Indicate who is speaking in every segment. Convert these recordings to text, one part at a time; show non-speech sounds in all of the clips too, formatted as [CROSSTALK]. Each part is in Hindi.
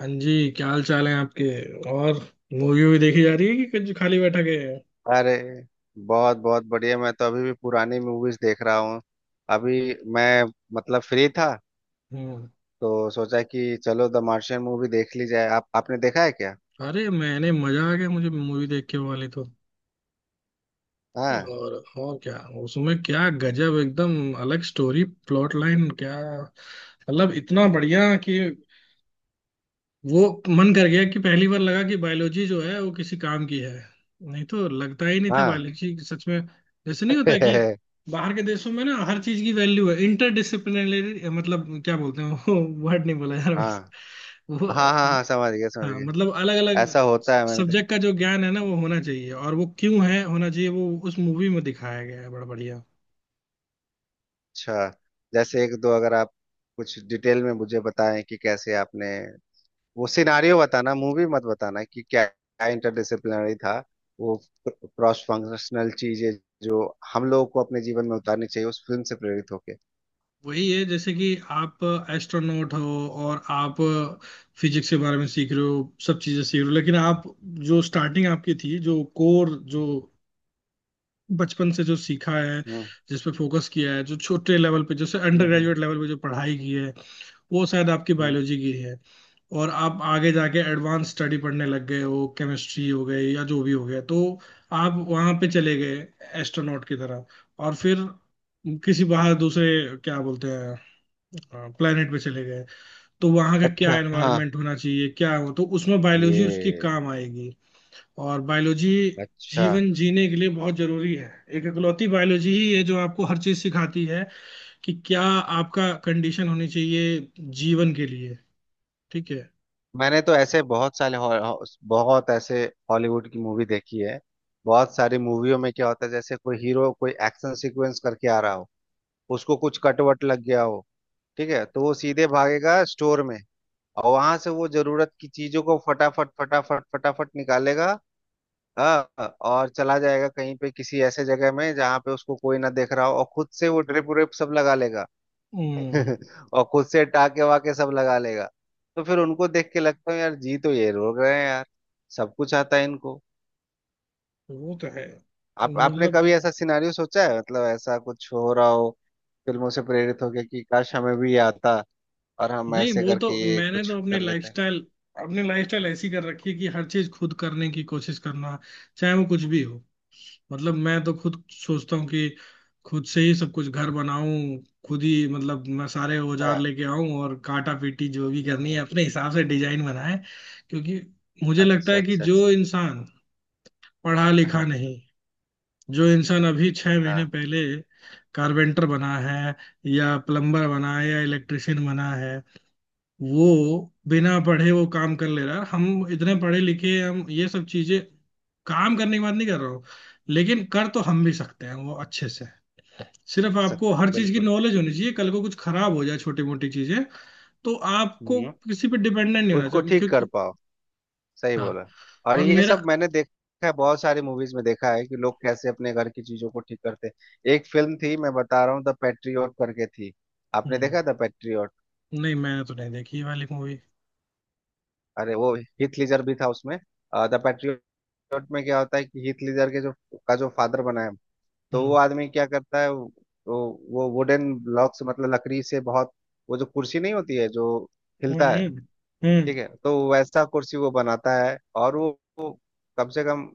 Speaker 1: हाँ जी, क्या हाल चाल है आपके। और मूवी भी देखी जा रही है कि कुछ खाली बैठा के?
Speaker 2: अरे, बहुत बहुत बढ़िया। मैं तो अभी भी पुरानी मूवीज देख रहा हूँ। अभी मैं मतलब फ्री था
Speaker 1: हम्म।
Speaker 2: तो सोचा कि चलो द मार्शियन मूवी देख ली जाए। आप आपने देखा है क्या?
Speaker 1: अरे, मैंने मजा आ गया मुझे मूवी देख के वाली तो।
Speaker 2: हाँ।
Speaker 1: और और क्या उसमें, क्या गजब, एकदम अलग स्टोरी प्लॉट लाइन, क्या मतलब इतना बढ़िया कि वो मन कर गया कि पहली बार लगा कि बायोलॉजी जो है वो किसी काम की है। नहीं तो लगता ही नहीं था
Speaker 2: हाँ।
Speaker 1: बायोलॉजी सच में, जैसे नहीं होता कि
Speaker 2: [LAUGHS]
Speaker 1: बाहर के देशों में ना हर चीज की वैल्यू है इंटरडिसिप्लिनरी, मतलब क्या बोलते हैं वो वर्ड नहीं बोला यार,
Speaker 2: हाँ,
Speaker 1: बस वो।
Speaker 2: हाँ, हाँ, हाँ, समझ गया, समझ
Speaker 1: हाँ,
Speaker 2: गया।
Speaker 1: मतलब अलग अलग
Speaker 2: ऐसा होता है, मैंने देखा।
Speaker 1: सब्जेक्ट का जो ज्ञान है ना वो होना चाहिए, और वो क्यों है होना चाहिए वो उस मूवी में दिखाया गया है, बड़ा बढ़िया।
Speaker 2: अच्छा। जैसे एक दो अगर आप कुछ डिटेल में मुझे बताएं कि कैसे आपने वो सिनारियो बताना, मूवी मत बताना, कि क्या क्या इंटरडिसिप्लिनरी था, वो क्रॉस फंक्शनल चीजें जो हम लोगों को अपने जीवन में उतारनी चाहिए उस फिल्म से प्रेरित होके।
Speaker 1: वही है जैसे कि आप एस्ट्रोनॉट हो और आप फिजिक्स के बारे में सीख रहे हो, सब चीजें सीख रहे हो, लेकिन आप जो स्टार्टिंग आपकी थी, जो कोर, जो बचपन से जो सीखा है,
Speaker 2: हम्म।
Speaker 1: जिस पे फोकस किया है, जो छोटे लेवल पे जैसे under
Speaker 2: hmm. Hmm.
Speaker 1: Graduate level पे जो पढ़ाई की है, वो शायद आपकी
Speaker 2: हम्म।
Speaker 1: बायोलॉजी की है। और आप आगे जाके एडवांस स्टडी पढ़ने लग गए हो, केमिस्ट्री हो गई या जो भी हो गया, तो आप वहां पे चले गए एस्ट्रोनॉट की तरह, और फिर किसी बाहर दूसरे क्या बोलते हैं प्लेनेट पे चले गए, तो वहां का क्या
Speaker 2: अच्छा, हाँ।
Speaker 1: एनवायरनमेंट होना चाहिए, क्या हो, तो उसमें बायोलॉजी उसके
Speaker 2: ये।
Speaker 1: काम आएगी। और बायोलॉजी
Speaker 2: अच्छा।
Speaker 1: जीवन जीने के लिए बहुत जरूरी है। एक इकलौती बायोलॉजी ही है जो आपको हर चीज सिखाती है कि क्या आपका कंडीशन होनी चाहिए जीवन के लिए। ठीक है।
Speaker 2: मैंने तो ऐसे बहुत सारे हॉ- हॉ- बहुत ऐसे हॉलीवुड की मूवी देखी है। बहुत सारी मूवियों में क्या होता है, जैसे कोई हीरो कोई एक्शन सीक्वेंस करके आ रहा हो, उसको कुछ कटवट लग गया हो, ठीक है, तो वो सीधे भागेगा स्टोर में और वहां से वो जरूरत की चीजों को फटाफट फटाफट फटाफट निकालेगा। हाँ, और चला जाएगा कहीं पे किसी ऐसे जगह में जहाँ पे उसको कोई ना देख रहा हो और खुद से वो ड्रिप व्रिप सब लगा लेगा।
Speaker 1: हम्म।
Speaker 2: [LAUGHS] और खुद से टाके वाके सब लगा लेगा। तो फिर उनको देख के लगता है यार जी, तो ये रोक रहे हैं यार, सब कुछ आता है इनको।
Speaker 1: वो तो है
Speaker 2: आप आपने कभी
Speaker 1: मतलब।
Speaker 2: ऐसा सिनारियो सोचा है, मतलब ऐसा कुछ हो रहा हो फिल्मों से प्रेरित होके, कि काश हमें भी ये आता और हम
Speaker 1: नहीं,
Speaker 2: ऐसे
Speaker 1: वो तो
Speaker 2: करके ये
Speaker 1: मैंने
Speaker 2: कुछ
Speaker 1: तो अपनी
Speaker 2: कर लेते हैं?
Speaker 1: लाइफस्टाइल अपनी लाइफस्टाइल ऐसी कर रखी है कि हर चीज खुद करने की कोशिश करना, चाहे वो कुछ भी हो। मतलब मैं तो खुद सोचता हूँ कि खुद से ही सब कुछ घर बनाऊं, खुद ही, मतलब मैं सारे
Speaker 2: अच्छा,
Speaker 1: औजार लेके आऊं और काटा पीटी जो भी
Speaker 2: हाँ,
Speaker 1: करनी है
Speaker 2: हाँ।
Speaker 1: अपने हिसाब से डिजाइन बनाए। क्योंकि मुझे लगता
Speaker 2: अच्छा,
Speaker 1: है कि
Speaker 2: अच्छा, अच्छा।
Speaker 1: जो इंसान पढ़ा लिखा
Speaker 2: हाँ,
Speaker 1: नहीं, जो इंसान अभी 6 महीने
Speaker 2: हाँ।
Speaker 1: पहले कारपेंटर बना है या प्लम्बर बना है या इलेक्ट्रिशियन बना है, वो बिना पढ़े वो काम कर ले रहा है, हम इतने पढ़े लिखे हैं, हम ये सब चीजें, काम करने की बात नहीं कर रहा हूँ, लेकिन कर तो हम भी सकते हैं वो अच्छे से। सिर्फ आपको
Speaker 2: सक,
Speaker 1: हर चीज की
Speaker 2: बिल्कुल।
Speaker 1: नॉलेज होनी चाहिए, कल को कुछ खराब हो जाए छोटी मोटी चीजें तो आपको
Speaker 2: हम्म।
Speaker 1: किसी पे डिपेंडेंट नहीं होना
Speaker 2: उसको
Speaker 1: चाहिए,
Speaker 2: ठीक कर
Speaker 1: क्योंकि
Speaker 2: पाओ। सही
Speaker 1: हाँ।
Speaker 2: बोला। और
Speaker 1: और
Speaker 2: ये
Speaker 1: मेरा।
Speaker 2: सब मैंने देखा है, बहुत सारी मूवीज में देखा है कि लोग कैसे अपने घर की चीजों को ठीक करते हैं। एक फिल्म थी मैं बता रहा हूँ, द पैट्रियट करके थी। आपने
Speaker 1: हम्म।
Speaker 2: देखा द पैट्रियट?
Speaker 1: नहीं मैंने तो नहीं देखी ये वाली मूवी।
Speaker 2: अरे वो हीथ लीजर भी था उसमें। द पैट्रियट में क्या होता है कि हीथ लीजर के जो का जो फादर बना है, तो वो
Speaker 1: हम्म।
Speaker 2: आदमी क्या करता है, वो वुडन ब्लॉक से मतलब लकड़ी से बहुत, वो जो कुर्सी नहीं होती है जो हिलता है,
Speaker 1: हम्म।
Speaker 2: ठीक
Speaker 1: हम्म।
Speaker 2: है, तो वैसा कुर्सी वो बनाता है, और वो कम से कम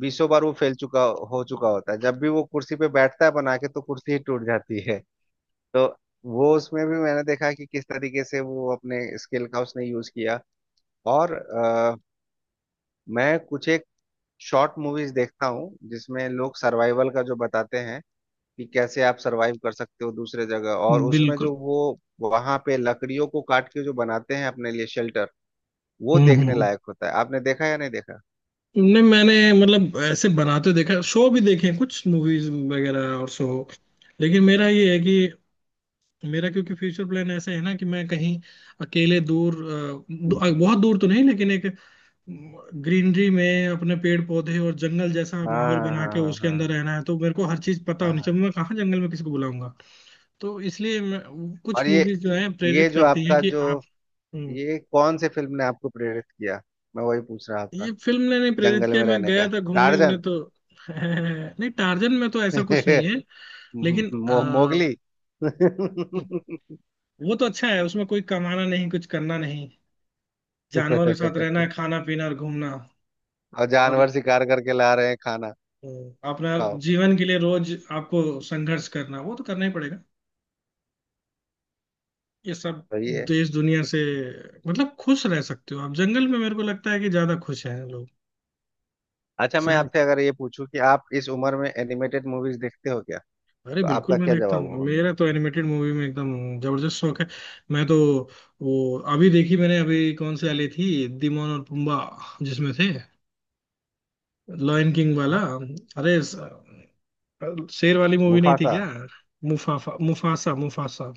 Speaker 2: बीसों बार वो फैल चुका हो चुका होता है। जब भी वो कुर्सी पे बैठता है बना के तो कुर्सी ही टूट जाती है। तो वो उसमें भी मैंने देखा कि किस तरीके से वो अपने स्किल का उसने यूज किया। और मैं कुछ एक शॉर्ट मूवीज देखता हूँ जिसमें लोग सर्वाइवल का जो बताते हैं कि कैसे आप सर्वाइव कर सकते हो दूसरे जगह। और
Speaker 1: हम्म।
Speaker 2: उसमें
Speaker 1: बिल्कुल।
Speaker 2: जो वो वहां पे लकड़ियों को काट के जो बनाते हैं अपने लिए शेल्टर, वो
Speaker 1: हम्म।
Speaker 2: देखने
Speaker 1: हम्म।
Speaker 2: लायक होता है। आपने देखा या नहीं देखा?
Speaker 1: नहीं मैंने, मतलब ऐसे बनाते देखा, शो भी देखे हैं कुछ मूवीज वगैरह और शो, लेकिन मेरा ये है कि मेरा क्योंकि फ्यूचर प्लान ऐसा है ना कि मैं कहीं अकेले दूर बहुत दूर तो नहीं लेकिन एक ग्रीनरी में अपने पेड़ पौधे और जंगल जैसा
Speaker 2: हाँ,
Speaker 1: माहौल
Speaker 2: हाँ,
Speaker 1: बना के
Speaker 2: हाँ,
Speaker 1: उसके अंदर
Speaker 2: हाँ,
Speaker 1: रहना है, तो मेरे को हर चीज पता
Speaker 2: हाँ,
Speaker 1: होनी
Speaker 2: हाँ,
Speaker 1: चाहिए।
Speaker 2: हाँ।
Speaker 1: मैं कहाँ जंगल में किसी को बुलाऊंगा। तो इसलिए मैं,
Speaker 2: और
Speaker 1: कुछ
Speaker 2: ये
Speaker 1: मूवीज जो है
Speaker 2: ये
Speaker 1: प्रेरित
Speaker 2: जो
Speaker 1: करती हैं
Speaker 2: आपका
Speaker 1: कि
Speaker 2: जो,
Speaker 1: आप। हम्म।
Speaker 2: ये कौन से फिल्म ने आपको प्रेरित किया? मैं वही पूछ रहा था,
Speaker 1: ये फिल्म ने नहीं प्रेरित
Speaker 2: जंगल
Speaker 1: किया,
Speaker 2: में
Speaker 1: मैं
Speaker 2: रहने का।
Speaker 1: गया था घूमने उमने
Speaker 2: टार्जन।
Speaker 1: तो। [LAUGHS] नहीं टार्जन में तो ऐसा कुछ नहीं है,
Speaker 2: [LAUGHS]
Speaker 1: लेकिन
Speaker 2: मोगली।
Speaker 1: वो तो अच्छा है, उसमें कोई कमाना नहीं, कुछ करना नहीं, जानवरों के साथ रहना है,
Speaker 2: [LAUGHS]
Speaker 1: खाना पीना और घूमना।
Speaker 2: और
Speaker 1: और
Speaker 2: जानवर शिकार करके ला रहे हैं खाना।
Speaker 1: अ, अपना,
Speaker 2: खाओ।
Speaker 1: जीवन के लिए रोज आपको संघर्ष करना वो तो करना ही पड़ेगा ये सब।
Speaker 2: सही है।
Speaker 1: देश दुनिया से, मतलब खुश रह सकते हो आप जंगल में, मेरे को लगता है कि ज्यादा खुश हैं
Speaker 2: अच्छा, मैं
Speaker 1: लोग।
Speaker 2: आपसे अगर ये पूछूं कि आप इस उम्र में एनिमेटेड मूवीज देखते हो क्या,
Speaker 1: अरे
Speaker 2: तो
Speaker 1: बिल्कुल
Speaker 2: आपका
Speaker 1: मैं
Speaker 2: क्या
Speaker 1: देखता
Speaker 2: जवाब
Speaker 1: हूँ,
Speaker 2: होगा?
Speaker 1: मेरा तो एनिमेटेड मूवी में एकदम जबरदस्त शौक है। मैं तो, वो अभी देखी मैंने, अभी कौन सी वाली थी, दिमोन और पुम्बा जिसमें थे, लॉयन किंग वाला।
Speaker 2: हाँ?
Speaker 1: अरे स- शेर वाली मूवी नहीं थी
Speaker 2: मुफासा।
Speaker 1: क्या। मुफाफा मुफासा मुफासा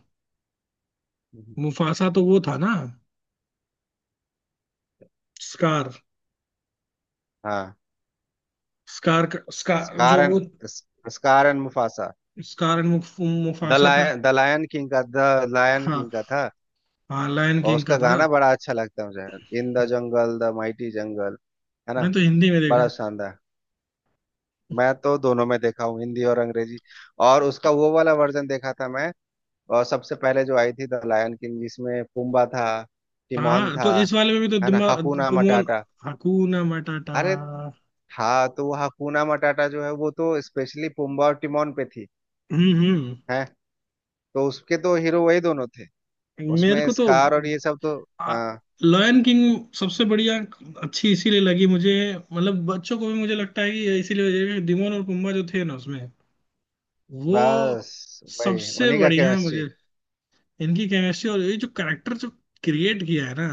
Speaker 1: मुफासा तो वो था ना, स्कार
Speaker 2: हाँ।
Speaker 1: स्कार स्कार
Speaker 2: स्कार
Speaker 1: जो वो,
Speaker 2: and Scar and Mufasa.
Speaker 1: Scar and Mufasa था।
Speaker 2: द लायन किंग का
Speaker 1: हाँ
Speaker 2: था।
Speaker 1: हाँ, लायन
Speaker 2: और
Speaker 1: किंग
Speaker 2: उसका
Speaker 1: का था।
Speaker 2: गाना बड़ा अच्छा लगता है मुझे, in the jungle the mighty jungle, है
Speaker 1: मैं
Speaker 2: ना,
Speaker 1: तो हिंदी में
Speaker 2: बड़ा
Speaker 1: देखा।
Speaker 2: शानदार। मैं तो दोनों में देखा हूँ, हिंदी और अंग्रेजी। और उसका वो वाला वर्जन देखा था मैं। और सबसे पहले जो आई थी द लायन किंग, जिसमें पुम्बा था, टिमोन
Speaker 1: हाँ,
Speaker 2: था,
Speaker 1: तो इस वाले में भी तो
Speaker 2: है ना,
Speaker 1: दिमाग
Speaker 2: हकुना
Speaker 1: पुमोन।
Speaker 2: मटाटा।
Speaker 1: हकूना मटाटा।
Speaker 2: अरे, था तो वो हकुना मटाटा जो है वो तो स्पेशली पुम्बा और टिमोन पे थी।
Speaker 1: हम्म। हम्म।
Speaker 2: है, तो उसके तो हीरो वही दोनों थे,
Speaker 1: मेरे
Speaker 2: उसमें
Speaker 1: को तो
Speaker 2: स्कार और ये सब तो।
Speaker 1: आ,
Speaker 2: हाँ,
Speaker 1: लॉयन किंग सबसे बढ़िया। अच्छी इसीलिए लगी मुझे, मतलब बच्चों को भी, मुझे लगता है कि ये इसीलिए वजह है कि डिमोन और पुम्बा जो थे ना उसमें, वो
Speaker 2: बस भाई
Speaker 1: सबसे
Speaker 2: उन्हीं का
Speaker 1: बढ़िया
Speaker 2: केमिस्ट्री।
Speaker 1: मुझे। इनकी केमिस्ट्री और ये जो कैरेक्टर जो क्रिएट किया है ना,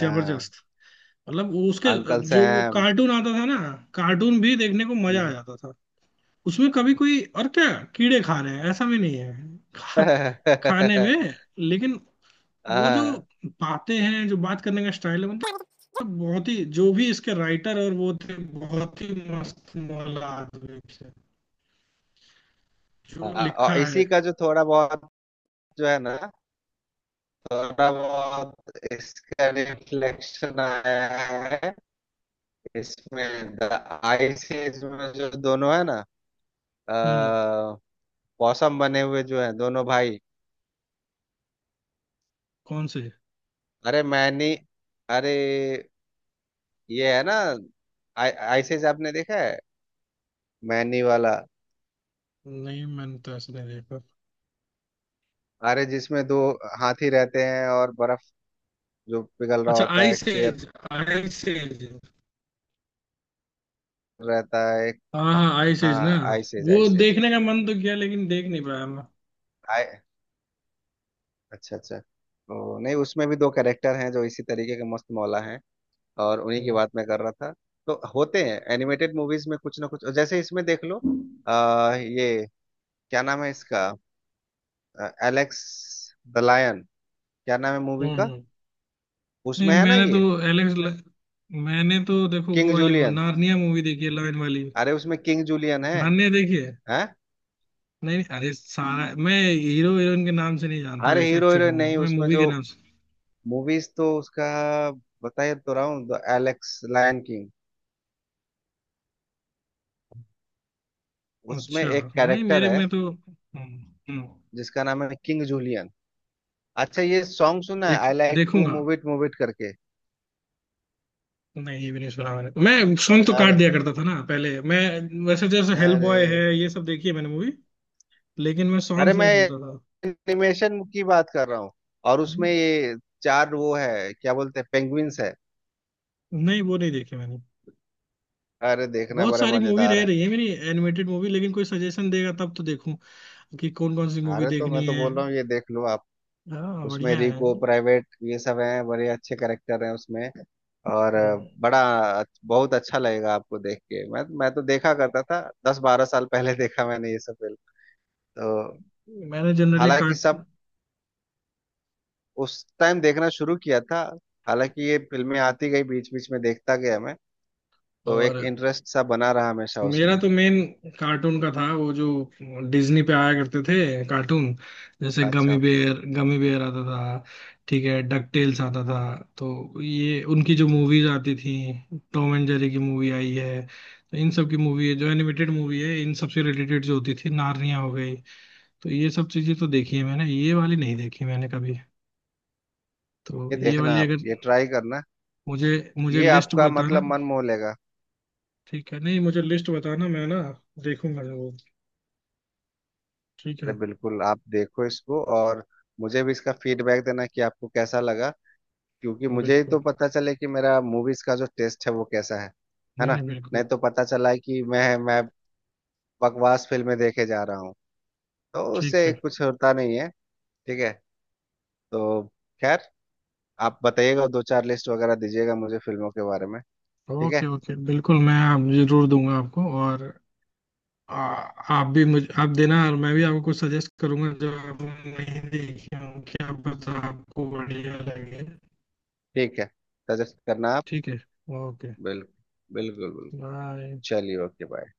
Speaker 2: हाँ।
Speaker 1: जबरदस्त। मतलब वो उसके
Speaker 2: अंकल
Speaker 1: जो वो
Speaker 2: सैम।
Speaker 1: कार्टून आता था ना, कार्टून भी देखने को मजा आ
Speaker 2: हम्म।
Speaker 1: जाता था। उसमें कभी कोई और क्या कीड़े खा रहे हैं ऐसा भी नहीं है खा, खाने
Speaker 2: [LAUGHS]
Speaker 1: में। लेकिन वो जो
Speaker 2: हाँ,
Speaker 1: बातें हैं, जो बात करने का स्टाइल है, मतलब बहुत ही, जो भी इसके राइटर और वो थे बहुत ही मस्त मौला आदमी थे, जो
Speaker 2: हाँ,
Speaker 1: लिखा
Speaker 2: और
Speaker 1: है।
Speaker 2: इसी का जो थोड़ा बहुत जो है ना, थोड़ा बहुत इसका रिफ्लेक्शन आया है इसमें द आइसिस में, जो दोनों है ना,
Speaker 1: हम्म।
Speaker 2: अ, पॉसम बने हुए जो है दोनों भाई।
Speaker 1: कौन से?
Speaker 2: अरे मैनी। अरे ये है ना, आइसिस, आपने देखा है मैनी वाला?
Speaker 1: नहीं मैंने तो ऐसे नहीं देखा।
Speaker 2: अरे जिसमें दो हाथी रहते हैं और बर्फ जो पिघल रहा
Speaker 1: अच्छा,
Speaker 2: होता
Speaker 1: आई
Speaker 2: है, एक शेर
Speaker 1: सेज। Ice age.
Speaker 2: रहता है एक।
Speaker 1: हाँ हाँ, आई सेज ना।
Speaker 2: हाँ, आइस एज,
Speaker 1: वो
Speaker 2: आइस एज।
Speaker 1: देखने का मन तो किया लेकिन देख नहीं पाया मैं।
Speaker 2: आय। अच्छा, अच्छा, तो नहीं, उसमें भी दो कैरेक्टर हैं जो इसी तरीके के मस्त मौला हैं, और उन्हीं की
Speaker 1: हम्म।
Speaker 2: बात मैं कर रहा था। तो होते हैं एनिमेटेड मूवीज में कुछ ना कुछ, जैसे इसमें देख लो। ये क्या नाम है इसका? एलेक्स द लायन, क्या नाम है मूवी
Speaker 1: हम्म।
Speaker 2: का?
Speaker 1: हम्म। नहीं
Speaker 2: उसमें है ना
Speaker 1: मैंने तो,
Speaker 2: ये,
Speaker 1: एलेक्स ल- मैंने तो देखो
Speaker 2: किंग
Speaker 1: वो वाली
Speaker 2: जूलियन।
Speaker 1: नार्निया मूवी देखी है, लाइन वाली।
Speaker 2: अरे उसमें किंग जूलियन है।
Speaker 1: नार्निया देखी है।
Speaker 2: हैं।
Speaker 1: नहीं नहीं, अरे सारा मैं हीरो हीरोइन के नाम से नहीं जानता
Speaker 2: अरे
Speaker 1: वैसे,
Speaker 2: हीरो
Speaker 1: एक्चुअल में
Speaker 2: हीरोइन
Speaker 1: मूवी
Speaker 2: नहीं,
Speaker 1: मैं
Speaker 2: उसमें
Speaker 1: मूवी के
Speaker 2: जो
Speaker 1: नाम से।
Speaker 2: मूवीज तो उसका बताया तो रहा हूँ, द एलेक्स लायन किंग, उसमें
Speaker 1: अच्छा।
Speaker 2: एक
Speaker 1: नहीं
Speaker 2: कैरेक्टर
Speaker 1: मेरे
Speaker 2: है
Speaker 1: में तो। हम्म। हम्म।
Speaker 2: जिसका नाम है किंग जूलियन। अच्छा, ये सॉन्ग सुना है, आई
Speaker 1: देखू
Speaker 2: लाइक टू
Speaker 1: देखूंगा।
Speaker 2: मूव इट करके?
Speaker 1: नहीं ये भी नहीं सुना मैंने, मैं सॉन्ग तो काट
Speaker 2: अरे,
Speaker 1: दिया करता था ना पहले मैं। वैसे तो जैसे हेल बॉय है
Speaker 2: अरे,
Speaker 1: ये सब देखी है मैंने मूवी, लेकिन मैं
Speaker 2: अरे,
Speaker 1: सॉन्ग्स
Speaker 2: मैं
Speaker 1: नहीं सुनता था।
Speaker 2: एनिमेशन की बात कर रहा हूँ। और
Speaker 1: हम्म।
Speaker 2: उसमें ये चार वो है क्या बोलते हैं, पेंगुइन्स है।
Speaker 1: नहीं वो नहीं देखी मैंने।
Speaker 2: अरे देखना
Speaker 1: बहुत
Speaker 2: बड़ा
Speaker 1: सारी मूवी
Speaker 2: मजेदार
Speaker 1: रह
Speaker 2: है।
Speaker 1: रही है मेरी एनिमेटेड मूवी, लेकिन कोई सजेशन देगा तब तो देखूं कि कौन कौन सी मूवी
Speaker 2: अरे तो मैं
Speaker 1: देखनी
Speaker 2: तो
Speaker 1: है।
Speaker 2: बोल रहा हूँ ये देख लो आप।
Speaker 1: हाँ
Speaker 2: उसमें
Speaker 1: बढ़िया है।
Speaker 2: रिको, प्राइवेट, ये सब हैं, बड़े अच्छे कैरेक्टर हैं उसमें। और बड़ा बहुत अच्छा लगेगा आपको देख के। मैं तो देखा करता था दस बारह साल पहले। [LAUGHS] देखा मैंने ये सब फिल्म तो।
Speaker 1: मैंने जनरली
Speaker 2: हालांकि
Speaker 1: कार्ट
Speaker 2: सब उस टाइम देखना शुरू किया था, हालांकि ये फिल्में आती गई बीच बीच में, देखता गया मैं। तो
Speaker 1: और
Speaker 2: एक इंटरेस्ट सा बना रहा हमेशा
Speaker 1: मेरा
Speaker 2: उसमें।
Speaker 1: तो मेन कार्टून का था, वो जो डिज्नी पे आया करते थे कार्टून, जैसे गमी
Speaker 2: अच्छा।
Speaker 1: बेयर गमी बेयर आता था, ठीक है, डक टेल्स आता था। तो ये उनकी जो
Speaker 2: हम्म।
Speaker 1: मूवीज आती थी, टॉम एंड जेरी की मूवी आई है, तो इन सब की मूवी है जो एनिमेटेड मूवी है, इन सब से रिलेटेड जो होती थी, नार्निया हो गई, तो ये सब चीजें तो देखी है मैंने, ये वाली नहीं देखी मैंने कभी। तो
Speaker 2: ये
Speaker 1: ये
Speaker 2: देखना,
Speaker 1: वाली
Speaker 2: आप
Speaker 1: अगर
Speaker 2: ये ट्राई करना,
Speaker 1: मुझे मुझे
Speaker 2: ये
Speaker 1: लिस्ट
Speaker 2: आपका
Speaker 1: बताना।
Speaker 2: मतलब मन मोह लेगा।
Speaker 1: ठीक है, नहीं, मुझे लिस्ट बताना, मैं ना देखूंगा वो। ठीक
Speaker 2: अरे
Speaker 1: है।
Speaker 2: बिल्कुल आप देखो इसको, और मुझे भी इसका फीडबैक देना कि आपको कैसा लगा, क्योंकि मुझे ही
Speaker 1: बिल्कुल,
Speaker 2: तो पता चले कि मेरा मूवीज का जो टेस्ट है वो कैसा है
Speaker 1: नहीं
Speaker 2: ना।
Speaker 1: नहीं,
Speaker 2: नहीं
Speaker 1: बिल्कुल।
Speaker 2: तो पता चला है कि मैं बकवास फिल्में देखे जा रहा हूँ, तो
Speaker 1: ठीक
Speaker 2: उससे
Speaker 1: है।
Speaker 2: कुछ होता नहीं है। ठीक है। तो खैर, आप बताइएगा, दो चार लिस्ट वगैरह दीजिएगा मुझे फिल्मों के बारे में। ठीक
Speaker 1: ओके
Speaker 2: है।
Speaker 1: ओके, बिल्कुल, मैं आप जरूर दूंगा आपको। और आ, आप भी मुझे, आप देना, और मैं भी आपको कुछ सजेस्ट करूंगा जो आप नहीं देखी हों, कि आप बता, आपको बढ़िया लगे।
Speaker 2: ठीक है, सजेस्ट करना आप।
Speaker 1: ठीक है। ओके
Speaker 2: बिल्कुल, बिल्कुल, बिल्कुल।
Speaker 1: बाय।
Speaker 2: चलिए, ओके, बाय।